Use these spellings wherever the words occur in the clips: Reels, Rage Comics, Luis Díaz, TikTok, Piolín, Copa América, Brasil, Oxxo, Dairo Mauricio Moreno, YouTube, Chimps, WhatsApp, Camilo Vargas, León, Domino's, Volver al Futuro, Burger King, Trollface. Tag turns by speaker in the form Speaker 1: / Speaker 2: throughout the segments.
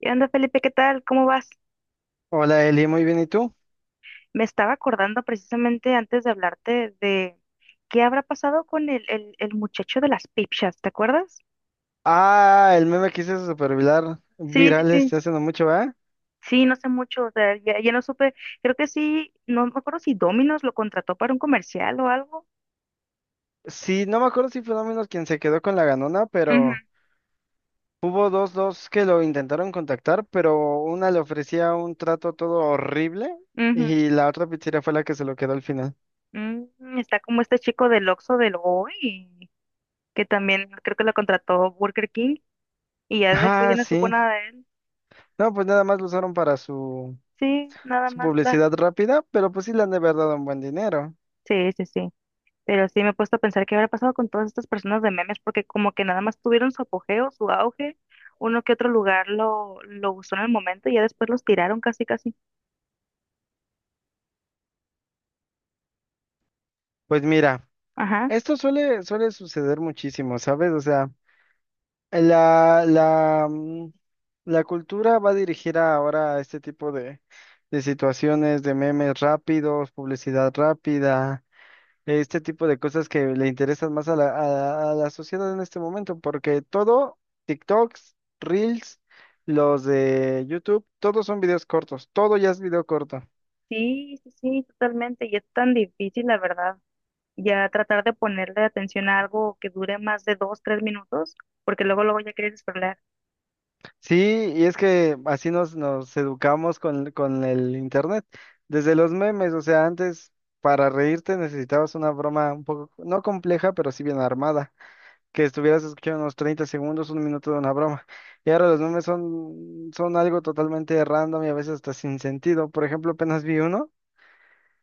Speaker 1: ¿Qué onda, Felipe? ¿Qué tal? ¿Cómo vas?
Speaker 2: Hola Eli, muy bien, ¿y tú?
Speaker 1: Me estaba acordando precisamente antes de hablarte de qué habrá pasado con el muchacho de las pipchas, ¿te acuerdas?
Speaker 2: Ah, el meme que hice super viral,
Speaker 1: Sí, sí,
Speaker 2: viral
Speaker 1: sí.
Speaker 2: este hace no mucho, ¿verdad?
Speaker 1: Sí, no sé mucho, o sea, ya no supe, creo que sí, no me acuerdo si Domino's lo contrató para un comercial o algo.
Speaker 2: Sí, no me acuerdo si fue Domino's quien se quedó con la ganona,
Speaker 1: Ujú,
Speaker 2: pero hubo dos que lo intentaron contactar, pero una le ofrecía un trato todo horrible
Speaker 1: ujú.
Speaker 2: y la otra pizzería fue la que se lo quedó al final.
Speaker 1: Está como este chico del Oxxo del Hoy, que también creo que lo contrató Burger King y ya después ya
Speaker 2: Ah,
Speaker 1: no supo
Speaker 2: sí.
Speaker 1: nada de él.
Speaker 2: No, pues nada más lo usaron para su,
Speaker 1: Sí, nada
Speaker 2: su
Speaker 1: más la.
Speaker 2: publicidad rápida, pero pues sí le han de haber dado un buen dinero.
Speaker 1: Sí, sí, sí. Pero sí me he puesto a pensar qué habrá pasado con todas estas personas de memes, porque como que nada más tuvieron su apogeo, su auge, uno que otro lugar lo usó en el momento y ya después los tiraron casi, casi.
Speaker 2: Pues mira,
Speaker 1: Ajá.
Speaker 2: esto suele, suele suceder muchísimo, ¿sabes? O sea... La, la, mm, la cultura va dirigida ahora a este tipo de situaciones, de memes rápidos, publicidad rápida, este tipo de cosas que le interesan más a la sociedad en este momento, porque todo, TikToks, Reels, los de YouTube, todos son videos cortos, todo ya es video corto.
Speaker 1: Sí, sí, sí, totalmente. Y es tan difícil, la verdad, ya tratar de ponerle atención a algo que dure más de 2, 3 minutos, porque luego, luego ya quieres scrollear.
Speaker 2: Sí, y es que así nos educamos con el internet. Desde los memes, o sea, antes para reírte necesitabas una broma un poco, no compleja, pero sí bien armada, que estuvieras escuchando unos 30 segundos, un minuto de una broma. Y ahora los memes son, son algo totalmente random y a veces hasta sin sentido. Por ejemplo, apenas vi uno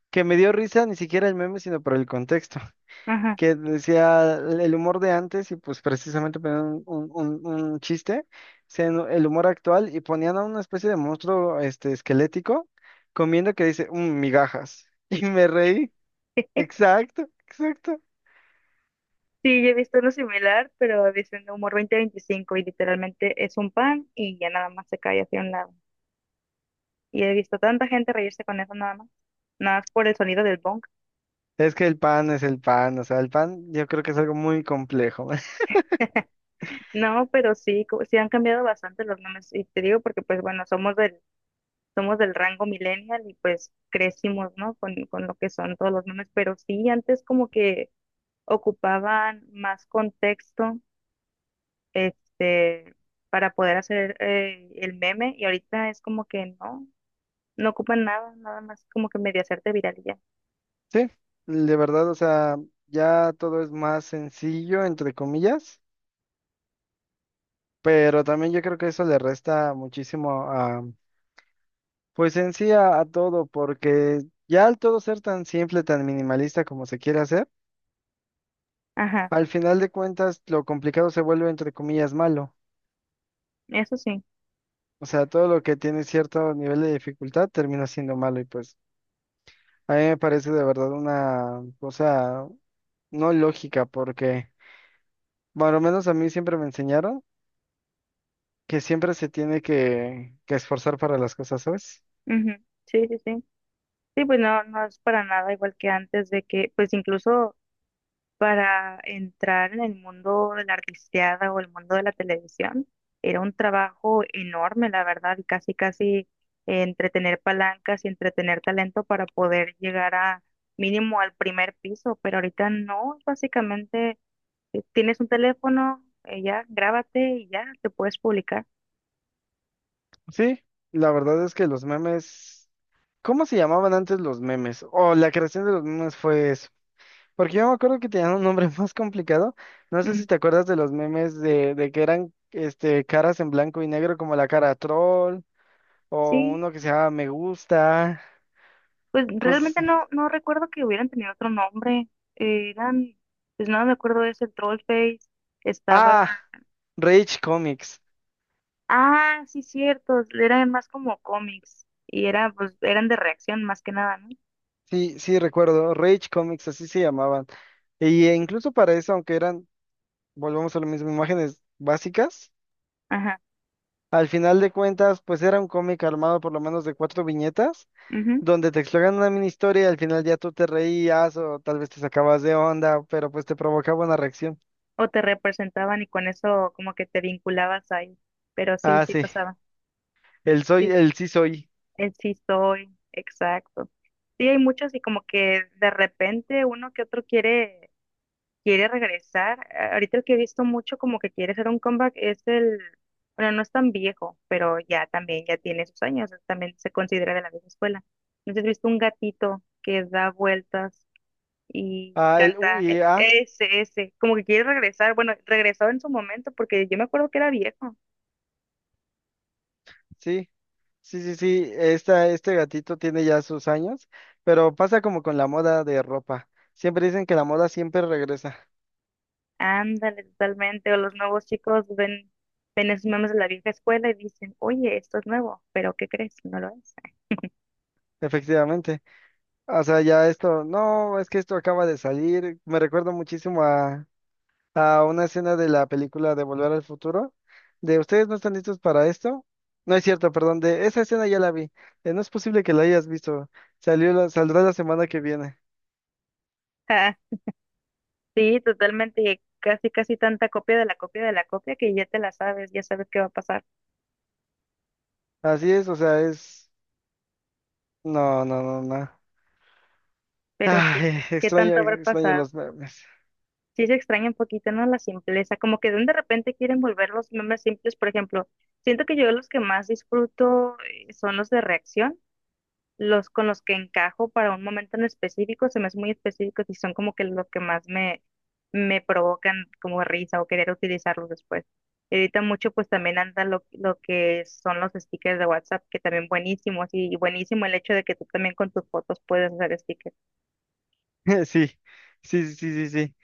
Speaker 2: que me dio risa ni siquiera el meme, sino por el contexto
Speaker 1: Ajá.
Speaker 2: que decía el humor de antes y pues precisamente ponían un- un chiste, no, el humor actual y ponían a una especie de monstruo este, esquelético comiendo que dice: "Mm, migajas." Y me reí. Exacto, exacto.
Speaker 1: Sí, yo he visto uno similar, pero dicen humor 2025 y literalmente es un pan y ya nada más se cae hacia un lado. Y he visto tanta gente reírse con eso nada más. Nada más por el sonido del bonk.
Speaker 2: Es que el pan es el pan, o sea, el pan yo creo que es algo muy complejo.
Speaker 1: No, pero sí, sí han cambiado bastante los nombres. Y te digo porque, pues bueno, somos del rango millennial y pues crecimos, ¿no? Con lo que son todos los memes. Pero sí, antes como que ocupaban más contexto, este, para poder hacer el meme. Y ahorita es como que no ocupan nada, nada más como que medio hacerte viral y ya.
Speaker 2: Sí, de verdad, o sea, ya todo es más sencillo, entre comillas, pero también yo creo que eso le resta muchísimo. Pues en sí a todo, porque ya al todo ser tan simple, tan minimalista como se quiere hacer,
Speaker 1: Ajá,
Speaker 2: al final de cuentas lo complicado se vuelve entre comillas malo.
Speaker 1: eso sí.
Speaker 2: O sea, todo lo que tiene cierto nivel de dificultad termina siendo malo y pues a mí me parece de verdad una cosa no lógica porque, bueno, al menos a mí siempre me enseñaron que siempre se tiene que esforzar para las cosas, ¿sabes?
Speaker 1: Ujú. Sí, sí, sí. Sí, pues no es para nada igual que antes de que, pues incluso para entrar en el mundo de la artisteada o el mundo de la televisión, era un trabajo enorme, la verdad, y casi, casi entretener palancas y entretener talento para poder llegar a mínimo al primer piso, pero ahorita no, básicamente tienes un teléfono, ya, grábate y ya, te puedes publicar.
Speaker 2: Sí, la verdad es que los memes... ¿Cómo se llamaban antes los memes? O la creación de los memes fue eso. Porque yo me acuerdo que tenían un nombre más complicado. No sé
Speaker 1: Ujú.
Speaker 2: si te acuerdas de los memes de que eran este, caras en blanco y negro, como la cara troll, o
Speaker 1: Sí,
Speaker 2: uno que se llama Me Gusta,
Speaker 1: pues
Speaker 2: cosas.
Speaker 1: realmente no recuerdo que hubieran tenido otro nombre. Eh, eran, pues no me acuerdo de ese Trollface. Estaba.
Speaker 2: Ah, Rage Comics.
Speaker 1: Ah, sí, cierto. Eran más como cómics. Y pues, eran de reacción más que nada, ¿no?
Speaker 2: Sí, sí, recuerdo. Rage Comics, así se llamaban. Y incluso para eso, aunque eran, volvemos a lo mismo, imágenes básicas,
Speaker 1: Ajá.
Speaker 2: al final de cuentas, pues era un cómic armado por lo menos de cuatro viñetas
Speaker 1: Ujú.
Speaker 2: donde te exploran una mini historia y al final ya tú te reías o tal vez te sacabas de onda, pero pues te provocaba una reacción.
Speaker 1: O te representaban y con eso como que te vinculabas ahí. Pero sí,
Speaker 2: Ah,
Speaker 1: sí
Speaker 2: sí,
Speaker 1: pasaba.
Speaker 2: el soy,
Speaker 1: Sí,
Speaker 2: el sí soy.
Speaker 1: el sí soy. Exacto. Sí, hay muchos y como que de repente uno que otro quiere. Quiere regresar. Ahorita el que he visto mucho como que quiere hacer un comeback es el, bueno, no es tan viejo, pero ya también ya tiene sus años, también se considera de la vieja escuela. Entonces he visto un gatito que da vueltas y
Speaker 2: Ah, el U
Speaker 1: canta
Speaker 2: y
Speaker 1: e-
Speaker 2: A,
Speaker 1: ese, ese, como que quiere regresar. Bueno, regresó en su momento porque yo me acuerdo que era viejo.
Speaker 2: sí, sí, sí, sí, esta, este gatito tiene ya sus años, pero pasa como con la moda de ropa. Siempre dicen que la moda siempre regresa,
Speaker 1: Ándale, totalmente. O los nuevos chicos ven esos memes de la vieja escuela y dicen, oye, esto es nuevo, pero ¿qué crees? No lo es.
Speaker 2: efectivamente. O sea, ya esto, no, es que esto acaba de salir, me recuerda muchísimo a una escena de la película de Volver al Futuro, de ustedes no están listos para esto. No es cierto, perdón, de esa escena ya la vi. No es posible que la hayas visto. Saldrá la semana que viene.
Speaker 1: Sí, totalmente, casi, casi tanta copia de la copia de la copia que ya te la sabes, ya sabes qué va a pasar,
Speaker 2: Así es, o sea, es... No, no, no, no.
Speaker 1: pero sí,
Speaker 2: Ay,
Speaker 1: ¿qué
Speaker 2: extraño,
Speaker 1: tanto habrá
Speaker 2: extraño
Speaker 1: pasado?
Speaker 2: los memes.
Speaker 1: Sí se extraña un poquito, ¿no? La simpleza, como que de repente quieren volver los memes simples, por ejemplo, siento que yo los que más disfruto son los de reacción, los con los que encajo para un momento en específico, se me hacen muy específicos y son como que lo que más me provocan como risa o querer utilizarlos después. Y ahorita mucho pues también anda lo que son los stickers de WhatsApp, que también buenísimos y buenísimo el hecho de que tú también con tus fotos puedes hacer stickers,
Speaker 2: Sí, sí, sí, sí, sí.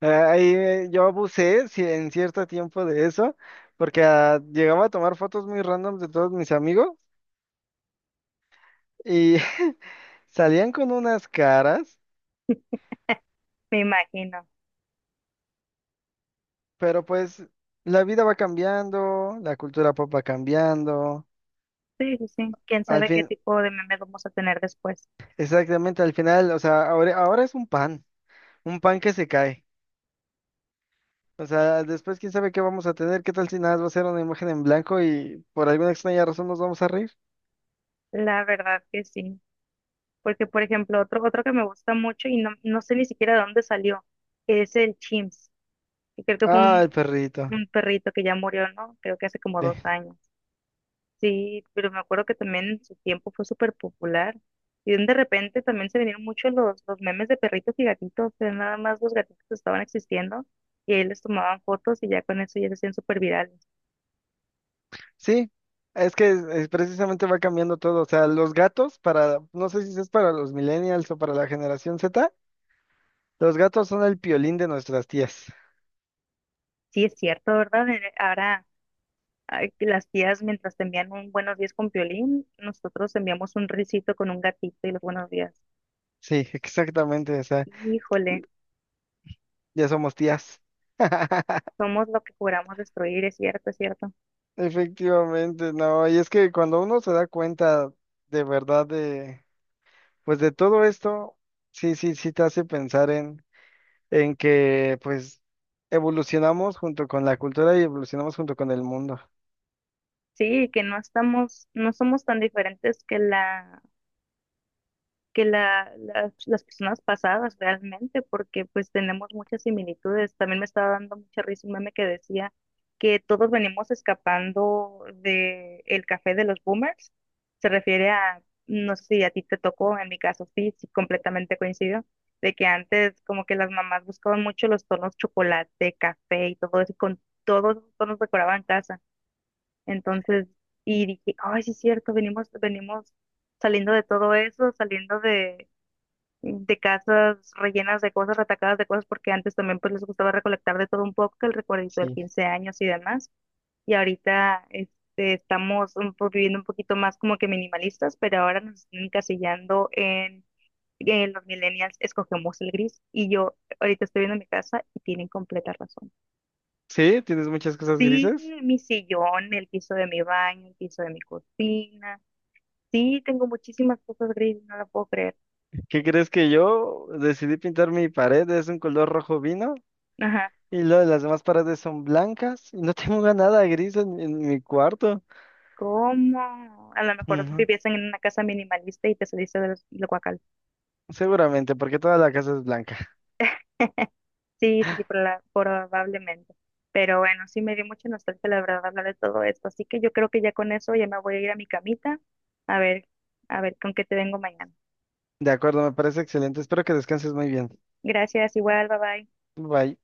Speaker 2: Ah, ahí yo abusé, sí, en cierto tiempo de eso, porque ah, llegaba a tomar fotos muy random de todos mis amigos y salían con unas caras.
Speaker 1: me imagino.
Speaker 2: Pero pues la vida va cambiando, la cultura pop va cambiando.
Speaker 1: Sí, sí, sí. Quién
Speaker 2: Al
Speaker 1: sabe qué
Speaker 2: fin,
Speaker 1: tipo de memes vamos a tener después.
Speaker 2: exactamente, al final, o sea, ahora, ahora es un pan que se cae. O sea, después quién sabe qué vamos a tener, qué tal si nada más va a ser una imagen en blanco y por alguna extraña razón nos vamos a reír.
Speaker 1: La verdad que sí. Porque, por ejemplo, otro que me gusta mucho y no sé ni siquiera de dónde salió, es el Chimps. Y creo que fue
Speaker 2: Ah, el
Speaker 1: un,
Speaker 2: perrito.
Speaker 1: un perrito que ya murió, ¿no? Creo que hace como
Speaker 2: Sí.
Speaker 1: 2 años. Sí, pero me acuerdo que también en su tiempo fue súper popular. Y de repente también se vinieron muchos los memes de perritos y gatitos, que nada más los gatitos estaban existiendo y ahí les tomaban fotos y ya con eso ya se hacían súper virales.
Speaker 2: Sí, es que precisamente va cambiando todo. O sea, los gatos para, no sé si es para los millennials o para la generación Z, los gatos son el piolín de nuestras tías.
Speaker 1: Sí, es cierto, ¿verdad? Ahora ay, que las tías mientras te envían un buenos días con Piolín, nosotros enviamos un risito con un gatito y los buenos días.
Speaker 2: Sí, exactamente. O sea,
Speaker 1: Híjole,
Speaker 2: ya somos tías.
Speaker 1: somos lo que juramos destruir, es cierto, es cierto.
Speaker 2: Efectivamente, no. Y es que cuando uno se da cuenta de verdad de, pues de todo esto, sí, sí, sí te hace pensar en que pues evolucionamos junto con la cultura y evolucionamos junto con el mundo.
Speaker 1: Sí, que no somos tan diferentes que que las personas pasadas realmente, porque pues tenemos muchas similitudes. También me estaba dando mucha risa un meme que decía que todos venimos escapando de el café de los boomers. Se refiere a, no sé si a ti te tocó, en mi caso sí, sí, completamente coincido, de que antes como que las mamás buscaban mucho los tonos chocolate, café y todo eso, y con todos los tonos decoraban casa. Entonces, y dije, ay, sí es cierto, venimos saliendo de todo eso, saliendo de casas rellenas de cosas, atacadas de cosas, porque antes también pues les gustaba recolectar de todo un poco, que el recuerdito del
Speaker 2: Sí.
Speaker 1: 15 años y demás. Y ahorita este, estamos un viviendo un poquito más como que minimalistas, pero ahora nos están encasillando en los millennials, escogemos el gris. Y yo ahorita estoy viendo mi casa y tienen completa razón.
Speaker 2: Sí, tienes muchas cosas
Speaker 1: Sí,
Speaker 2: grises.
Speaker 1: mi sillón, el piso de mi baño, el piso de mi cocina. Sí, tengo muchísimas cosas grises, no lo puedo creer.
Speaker 2: ¿Qué crees que yo decidí pintar mi pared? Es un color rojo vino
Speaker 1: Ajá.
Speaker 2: y luego las demás paredes son blancas y no tengo nada gris en mi cuarto.
Speaker 1: ¿Cómo? A lo mejor viviesen en una casa minimalista y te saliste del guacal.
Speaker 2: Seguramente, porque toda la casa es blanca.
Speaker 1: Sí, sí, sí, probablemente. Pero bueno, sí me dio mucha nostalgia, la verdad, hablar de todo esto. Así que yo creo que ya con eso ya me voy a ir a mi camita. A ver, a ver con qué te vengo mañana.
Speaker 2: De acuerdo, me parece excelente. Espero que descanses muy bien.
Speaker 1: Gracias, igual, bye bye.
Speaker 2: Bye.